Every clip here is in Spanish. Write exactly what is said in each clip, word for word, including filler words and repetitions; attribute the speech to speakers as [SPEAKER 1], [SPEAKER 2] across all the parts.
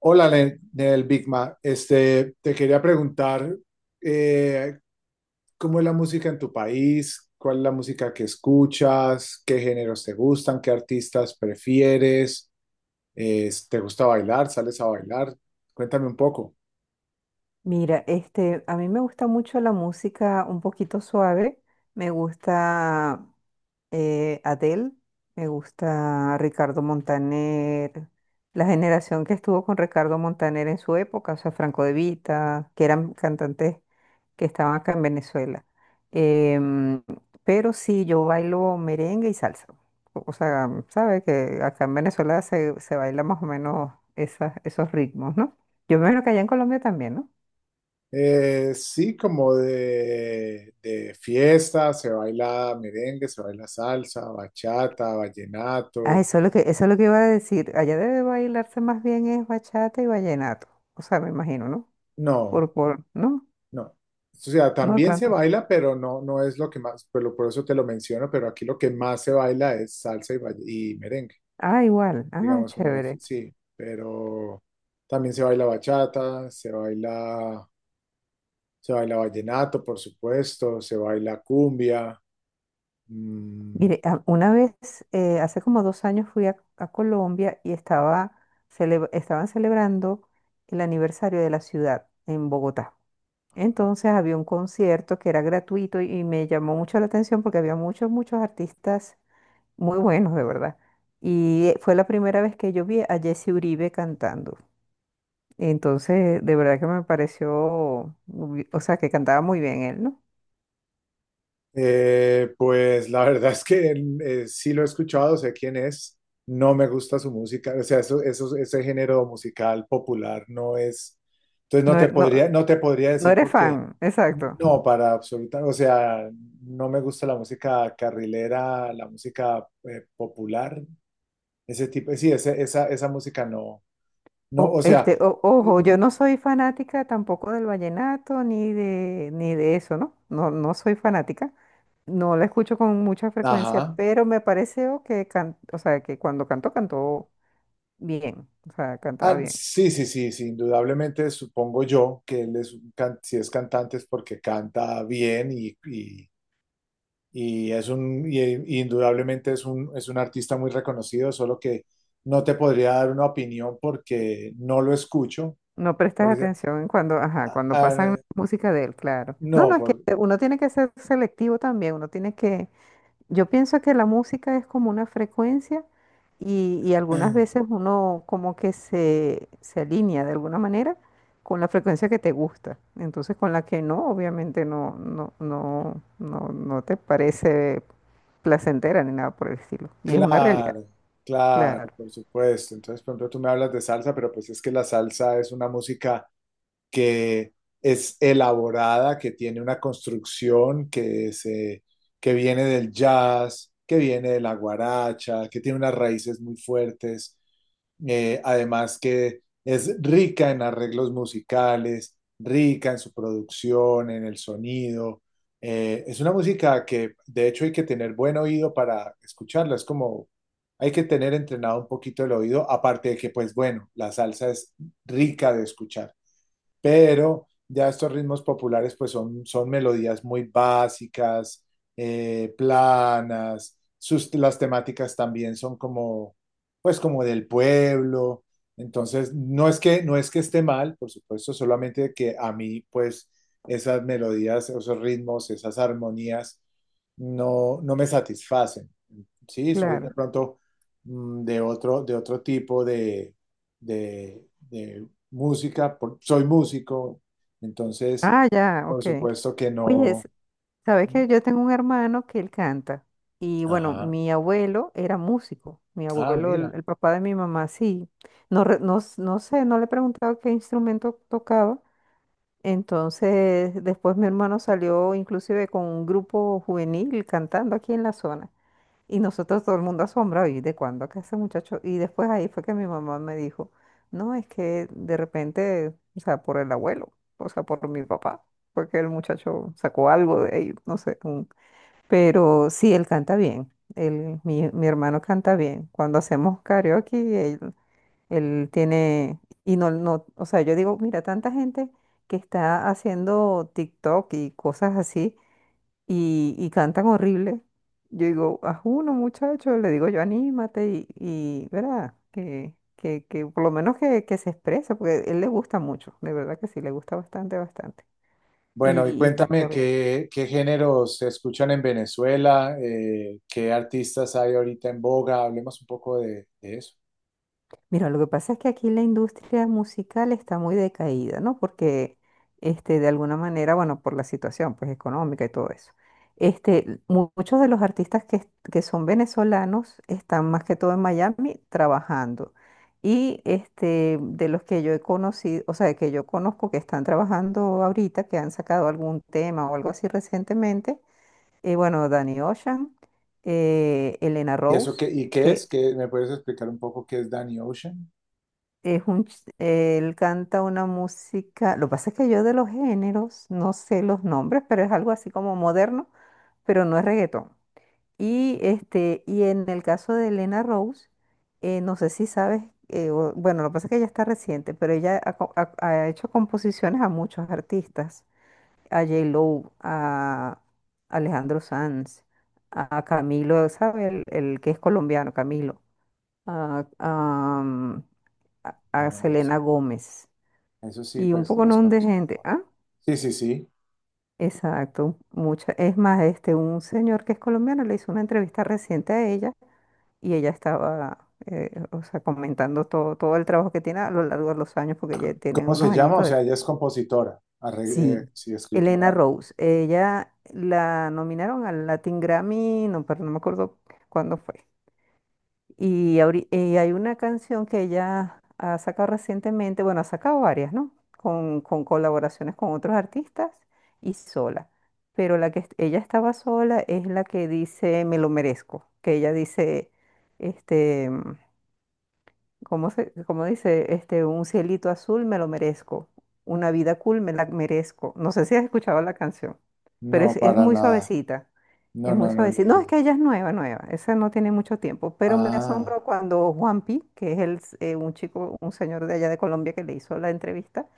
[SPEAKER 1] Hola, Len- Nel Bigma. Este, te quería preguntar eh, cómo es la música en tu país, cuál es la música que escuchas, qué géneros te gustan, qué artistas prefieres, eh, te gusta bailar, sales a bailar. Cuéntame un poco.
[SPEAKER 2] Mira, este, a mí me gusta mucho la música un poquito suave. Me gusta eh, Adele, me gusta Ricardo Montaner, la generación que estuvo con Ricardo Montaner en su época, o sea, Franco De Vita, que eran cantantes que estaban acá en Venezuela. Em, pero sí, yo bailo merengue y salsa. O o sea, sabes que acá en Venezuela se, se baila más o menos esas, esos ritmos, ¿no? Yo me imagino que allá en Colombia también, ¿no?
[SPEAKER 1] Eh, sí, como de, de fiesta, se baila merengue, se baila salsa, bachata,
[SPEAKER 2] Ah,
[SPEAKER 1] vallenato.
[SPEAKER 2] eso es lo que, eso es lo que iba a decir. Allá debe bailarse más bien es bachata y vallenato. O sea, me imagino, ¿no?
[SPEAKER 1] No,
[SPEAKER 2] Por, por, no,
[SPEAKER 1] no. O sea,
[SPEAKER 2] no
[SPEAKER 1] también se
[SPEAKER 2] tanto.
[SPEAKER 1] baila, pero no, no es lo que más, pero por eso te lo menciono, pero aquí lo que más se baila es salsa y, vall- y merengue,
[SPEAKER 2] Ah, igual. Ah,
[SPEAKER 1] digamos como las,
[SPEAKER 2] chévere.
[SPEAKER 1] sí, pero también se baila bachata, se baila, se baila vallenato, por supuesto, se baila cumbia, mm,
[SPEAKER 2] Mire, a- una vez, eh, hace como dos años fui a, a Colombia y estaba cele- estaban celebrando el aniversario de la ciudad en Bogotá. Entonces había un concierto que era gratuito y, y me llamó mucho la atención porque había muchos, muchos artistas muy buenos, de verdad. Y eh, fue la primera vez que yo vi a Jesse Uribe cantando. Entonces, de verdad que me pareció, muy- o sea, que cantaba muy bien él, ¿no?
[SPEAKER 1] eh, pues la verdad es que eh, sí lo he escuchado, sé quién es, no me gusta su música, o sea, eso, eso, ese género musical popular no es, entonces no
[SPEAKER 2] No,
[SPEAKER 1] te
[SPEAKER 2] eh, no,
[SPEAKER 1] podría, no te podría
[SPEAKER 2] no
[SPEAKER 1] decir
[SPEAKER 2] eres
[SPEAKER 1] porque
[SPEAKER 2] fan, exacto.
[SPEAKER 1] no, para absoluta, o sea, no me gusta la música carrilera, la música eh, popular, ese tipo, sí, ese- esa, esa música no, no,
[SPEAKER 2] O,
[SPEAKER 1] o sea,
[SPEAKER 2] este, o- ojo, yo
[SPEAKER 1] no-
[SPEAKER 2] no soy fanática tampoco del vallenato ni de, ni de eso, ¿no? No, no soy fanática. No la escucho con mucha frecuencia,
[SPEAKER 1] ajá.
[SPEAKER 2] pero me pareció que, can- o sea, que cuando cantó, cantó bien, o sea, cantaba
[SPEAKER 1] Ah,
[SPEAKER 2] bien.
[SPEAKER 1] sí, sí, sí, sí, indudablemente supongo yo que él es, un can- si es cantante es porque canta bien y, y- y es un, y- y indudablemente es un, es un artista muy reconocido, solo que no te podría dar una opinión porque no lo escucho.
[SPEAKER 2] No prestas
[SPEAKER 1] Por ej-
[SPEAKER 2] atención cuando, ajá, cuando pasan
[SPEAKER 1] ah,
[SPEAKER 2] música de él, claro. No,
[SPEAKER 1] no,
[SPEAKER 2] no, es que
[SPEAKER 1] por,
[SPEAKER 2] uno tiene que ser selectivo también, uno tiene que, yo pienso que la música es como una frecuencia y, y algunas veces uno como que se, se alinea de alguna manera con la frecuencia que te gusta. Entonces con la que no, obviamente no, no, no, no, no te parece placentera ni nada por el estilo. Y es una realidad,
[SPEAKER 1] claro, claro,
[SPEAKER 2] claro,
[SPEAKER 1] por supuesto. Entonces, por ejemplo, tú me hablas de salsa, pero pues es que la salsa es una música que es elaborada, que tiene una construcción que, se, que viene del jazz, que viene de la guaracha, que tiene unas raíces muy fuertes, eh, además que es rica en arreglos musicales, rica en su producción, en el sonido. Eh, es una música que de hecho hay que tener buen oído para escucharla, es como hay que tener entrenado un poquito el oído, aparte de que pues bueno, la salsa es rica de escuchar, pero ya estos ritmos populares pues son, son melodías muy básicas, eh, planas, sus, las temáticas también son como, pues como del pueblo, entonces no es que, no es que esté mal, por supuesto, solamente que a mí pues esas melodías, esos ritmos, esas armonías no, no me satisfacen, sí, soy de
[SPEAKER 2] claro.
[SPEAKER 1] pronto mm, de otro, de otro tipo de, de, de música, por- soy músico, entonces,
[SPEAKER 2] Ah, ya,
[SPEAKER 1] por
[SPEAKER 2] ok.
[SPEAKER 1] supuesto que
[SPEAKER 2] Oye,
[SPEAKER 1] no.
[SPEAKER 2] sabes que yo tengo un hermano que él canta. Y bueno,
[SPEAKER 1] Ajá.
[SPEAKER 2] mi abuelo era músico. Mi
[SPEAKER 1] Ah,
[SPEAKER 2] abuelo, el,
[SPEAKER 1] mira.
[SPEAKER 2] el papá de mi mamá, sí. No, re- no, s- no sé, no le he preguntado qué instrumento tocaba. Entonces, después mi hermano salió inclusive con un grupo juvenil cantando aquí en la zona. Y nosotros todo el mundo asombrado, ¿y de cuándo acá ese muchacho? Y después ahí fue que mi mamá me dijo, no, es que de repente, o sea, por el abuelo, o sea, por mi papá porque el muchacho sacó algo de ahí, no sé, pero sí, él canta bien. Él, mi, mi hermano canta bien. Cuando hacemos karaoke, él, él tiene, y no, no, o sea, yo digo, mira, tanta gente que está haciendo TikTok y cosas así, y, y cantan horrible. Yo digo, haz uno, muchacho, le digo yo, anímate, y, y ¿verdad? Que, que, que por lo menos que, que se exprese, porque él le gusta mucho, de verdad que sí, le gusta bastante, bastante.
[SPEAKER 1] Bueno, y
[SPEAKER 2] Y, y
[SPEAKER 1] cuéntame
[SPEAKER 2] canta bien.
[SPEAKER 1] qué, qué géneros se escuchan en Venezuela, eh, qué artistas hay ahorita en boga, hablemos un poco de, de eso.
[SPEAKER 2] Mira, lo que pasa es que aquí la industria musical está muy decaída, ¿no? Porque, este, de alguna manera, bueno, por la situación, pues, económica y todo eso. Este, mu- muchos de los artistas que, est- que son venezolanos están más que todo en Miami trabajando. Y, este, de los que yo he conocido, o sea, que yo conozco que están trabajando ahorita, que han sacado algún tema o algo así recientemente, eh, bueno, Danny Ocean, eh, Elena
[SPEAKER 1] ¿Y eso
[SPEAKER 2] Rose,
[SPEAKER 1] qué, y qué es?
[SPEAKER 2] que
[SPEAKER 1] ¿Qué, ¿Me puedes explicar un poco qué es Danny Ocean?
[SPEAKER 2] es un, ch- él canta una música, lo que pasa es que yo de los géneros no sé los nombres, pero es algo así como moderno, pero no es reggaetón. Y, este, y en el caso de Elena Rose, eh, no sé si sabes, eh, o- bueno, lo que pasa es que ella está reciente, pero ella ha, co- ha- ha hecho composiciones a muchos artistas, a J-Lo, a Alejandro Sanz, a Camilo, ¿sabes? El, el que es colombiano, Camilo, a, a mm, a- a
[SPEAKER 1] No, no sé.
[SPEAKER 2] Selena Gómez.
[SPEAKER 1] Eso sí,
[SPEAKER 2] Y un
[SPEAKER 1] pues
[SPEAKER 2] poco no
[SPEAKER 1] los
[SPEAKER 2] un de
[SPEAKER 1] conozco.
[SPEAKER 2] gente. Ah,
[SPEAKER 1] Sí, sí, sí.
[SPEAKER 2] exacto. Mucha. Es más, este, un señor que es colombiano le hizo una entrevista reciente a ella y ella estaba, eh, o sea, comentando todo, todo el trabajo que tiene a lo largo de los años, porque ya tiene
[SPEAKER 1] ¿Cómo se
[SPEAKER 2] unos
[SPEAKER 1] llama? O
[SPEAKER 2] añitos. De-
[SPEAKER 1] sea, ella es compositora, arre- eh,
[SPEAKER 2] Sí,
[SPEAKER 1] sí,
[SPEAKER 2] Elena
[SPEAKER 1] escritora.
[SPEAKER 2] Rose. Ella la nominaron al Latin Grammy, no, pero no me acuerdo cuándo fue. Y, ahori- eh, hay una canción que ella ha sacado recientemente, bueno, ha sacado varias, ¿no? Con, con colaboraciones con otros artistas y sola. Pero la que est- ella estaba sola es la que dice Me lo merezco, que ella dice, este, ¿cómo se, cómo dice? Este, un cielito azul me lo merezco. Una vida cool me la merezco. No sé si has escuchado la canción, pero
[SPEAKER 1] No,
[SPEAKER 2] es, es
[SPEAKER 1] para
[SPEAKER 2] muy
[SPEAKER 1] nada.
[SPEAKER 2] suavecita.
[SPEAKER 1] No,
[SPEAKER 2] Es muy
[SPEAKER 1] no, no, ni
[SPEAKER 2] suavecita. No, es
[SPEAKER 1] idea.
[SPEAKER 2] que ella es nueva, nueva. Esa no tiene mucho tiempo. Pero me
[SPEAKER 1] Ah.
[SPEAKER 2] asombro cuando Juanpi, que es el, s- eh, un chico, un señor de allá de Colombia que le hizo la entrevista,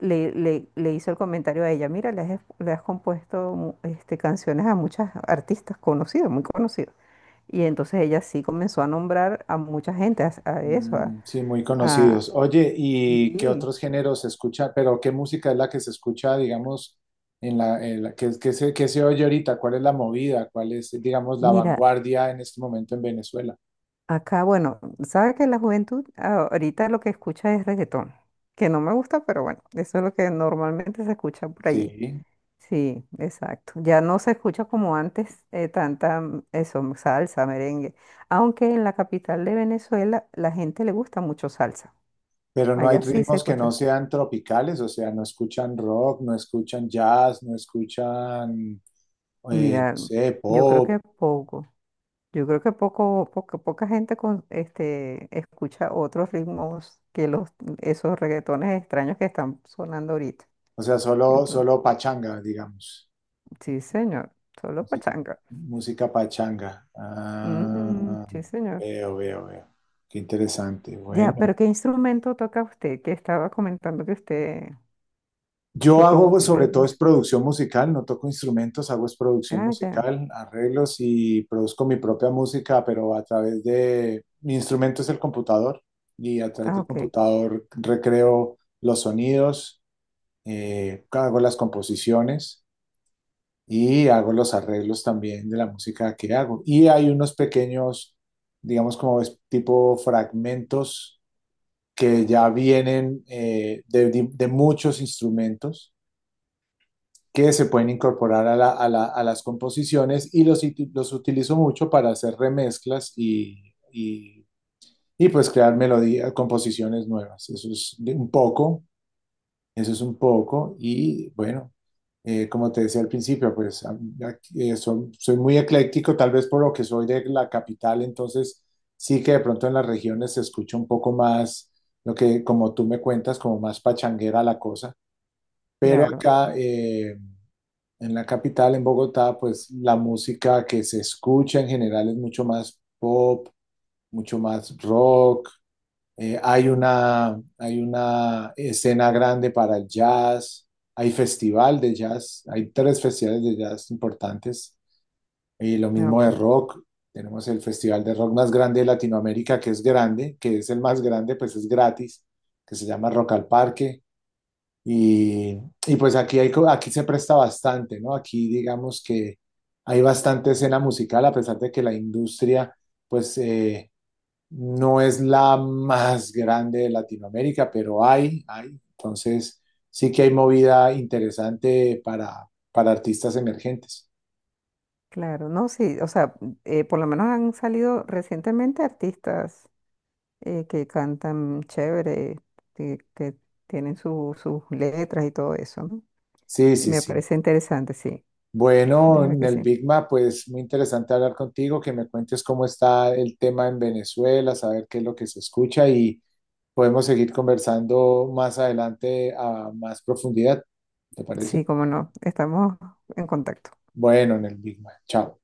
[SPEAKER 2] le, le, le hizo el comentario a ella. Mira, le has, es- le has compuesto mu- este, canciones a muchas artistas conocidas, muy conocidas. Y entonces ella sí comenzó a nombrar a mucha gente, a, a eso,
[SPEAKER 1] Mm, sí, muy
[SPEAKER 2] ah,
[SPEAKER 1] conocidos. Oye, ¿y qué
[SPEAKER 2] sí.
[SPEAKER 1] otros géneros se escucha? Pero ¿qué música es la que se escucha, digamos, en la, en la- qué, qué se, qué se oye ahorita? ¿Cuál es la movida? ¿Cuál es, digamos, la
[SPEAKER 2] Mira,
[SPEAKER 1] vanguardia en este momento en Venezuela?
[SPEAKER 2] acá, bueno, sabe que la juventud ah, ahorita lo que escucha es reggaetón, que no me gusta, pero bueno, eso es lo que normalmente se escucha por allí.
[SPEAKER 1] Sí,
[SPEAKER 2] Sí, exacto. Ya no se escucha como antes eh, tanta mm, eso, mm, salsa, merengue. Aunque en la capital de Venezuela la gente le gusta mucho salsa.
[SPEAKER 1] pero no hay
[SPEAKER 2] Allá sí se
[SPEAKER 1] ritmos que no
[SPEAKER 2] escucha.
[SPEAKER 1] sean tropicales, o sea, no escuchan rock, no escuchan jazz, no escuchan, eh, no
[SPEAKER 2] Mira,
[SPEAKER 1] sé,
[SPEAKER 2] yo creo
[SPEAKER 1] pop,
[SPEAKER 2] que poco. Yo creo que poco, poca, poca gente con, este, escucha otros ritmos que los, esos reggaetones extraños que están sonando ahorita.
[SPEAKER 1] o sea, solo,
[SPEAKER 2] Entonces,
[SPEAKER 1] solo pachanga, digamos.
[SPEAKER 2] sí, señor, solo
[SPEAKER 1] Música,
[SPEAKER 2] pachanga.
[SPEAKER 1] música pachanga.
[SPEAKER 2] Ujú,
[SPEAKER 1] Ah,
[SPEAKER 2] sí, señor.
[SPEAKER 1] veo, veo, veo. Qué interesante.
[SPEAKER 2] Ya,
[SPEAKER 1] Bueno,
[SPEAKER 2] pero ¿qué instrumento toca usted? Que estaba comentando que usted
[SPEAKER 1] yo
[SPEAKER 2] toca
[SPEAKER 1] hago
[SPEAKER 2] un...
[SPEAKER 1] pues,
[SPEAKER 2] eh,
[SPEAKER 1] sobre todo es
[SPEAKER 2] mus-
[SPEAKER 1] producción musical, no toco instrumentos, hago es producción
[SPEAKER 2] Ah, ya.
[SPEAKER 1] musical, arreglos y produzco mi propia música, pero a través de mi instrumento es el computador y a través
[SPEAKER 2] Ah,
[SPEAKER 1] del
[SPEAKER 2] ok.
[SPEAKER 1] computador recreo los sonidos, eh, hago las composiciones y hago los arreglos también de la música que hago. Y hay unos pequeños, digamos como es- tipo fragmentos que ya vienen eh, de, de de muchos instrumentos que se pueden incorporar a, la- a la- a las composiciones y los, uti- los utilizo mucho para hacer remezclas y, y, y pues crear melodías, composiciones nuevas. Eso es de- un poco. Eso es un poco y bueno, eh, como te decía al principio, pues a- a- eh, son- soy muy ecléctico, tal vez por lo que soy de la capital, entonces sí que de pronto en las regiones se escucha un poco más lo que, como tú me cuentas, como más pachanguera la cosa, pero
[SPEAKER 2] Claro.
[SPEAKER 1] acá eh, en la capital, en Bogotá, pues la música que se escucha en general es mucho más pop, mucho más rock, eh, hay una, hay una escena grande para el jazz, hay festival de jazz, hay tres festivales de jazz importantes, y lo
[SPEAKER 2] Ah,
[SPEAKER 1] mismo de
[SPEAKER 2] ok.
[SPEAKER 1] rock, tenemos el festival de rock más grande de Latinoamérica, que es grande, que es el más grande, pues es gratis, que se llama Rock al Parque, y, y pues aquí, hay, co- aquí se presta bastante, ¿no? Aquí digamos que hay bastante escena musical, a pesar de que la industria, pues... eh, no es la más grande de Latinoamérica, pero hay, hay. Entonces, sí que hay movida interesante para, para artistas emergentes.
[SPEAKER 2] Claro. No, sí. O sea, eh, por lo menos han salido recientemente artistas eh, que cantan chévere, que, que tienen su- sus letras y todo eso, ¿no?
[SPEAKER 1] Sí,
[SPEAKER 2] Y
[SPEAKER 1] sí,
[SPEAKER 2] me
[SPEAKER 1] sí.
[SPEAKER 2] parece interesante, sí, de
[SPEAKER 1] Bueno,
[SPEAKER 2] verdad
[SPEAKER 1] en
[SPEAKER 2] que
[SPEAKER 1] el
[SPEAKER 2] sí.
[SPEAKER 1] Bigma, pues muy interesante hablar contigo, que me cuentes cómo está el tema en Venezuela, saber qué es lo que se escucha y podemos seguir conversando más adelante a más profundidad, ¿te parece?
[SPEAKER 2] Sí, cómo no, estamos en contacto.
[SPEAKER 1] Bueno, en el Bigma. Chao.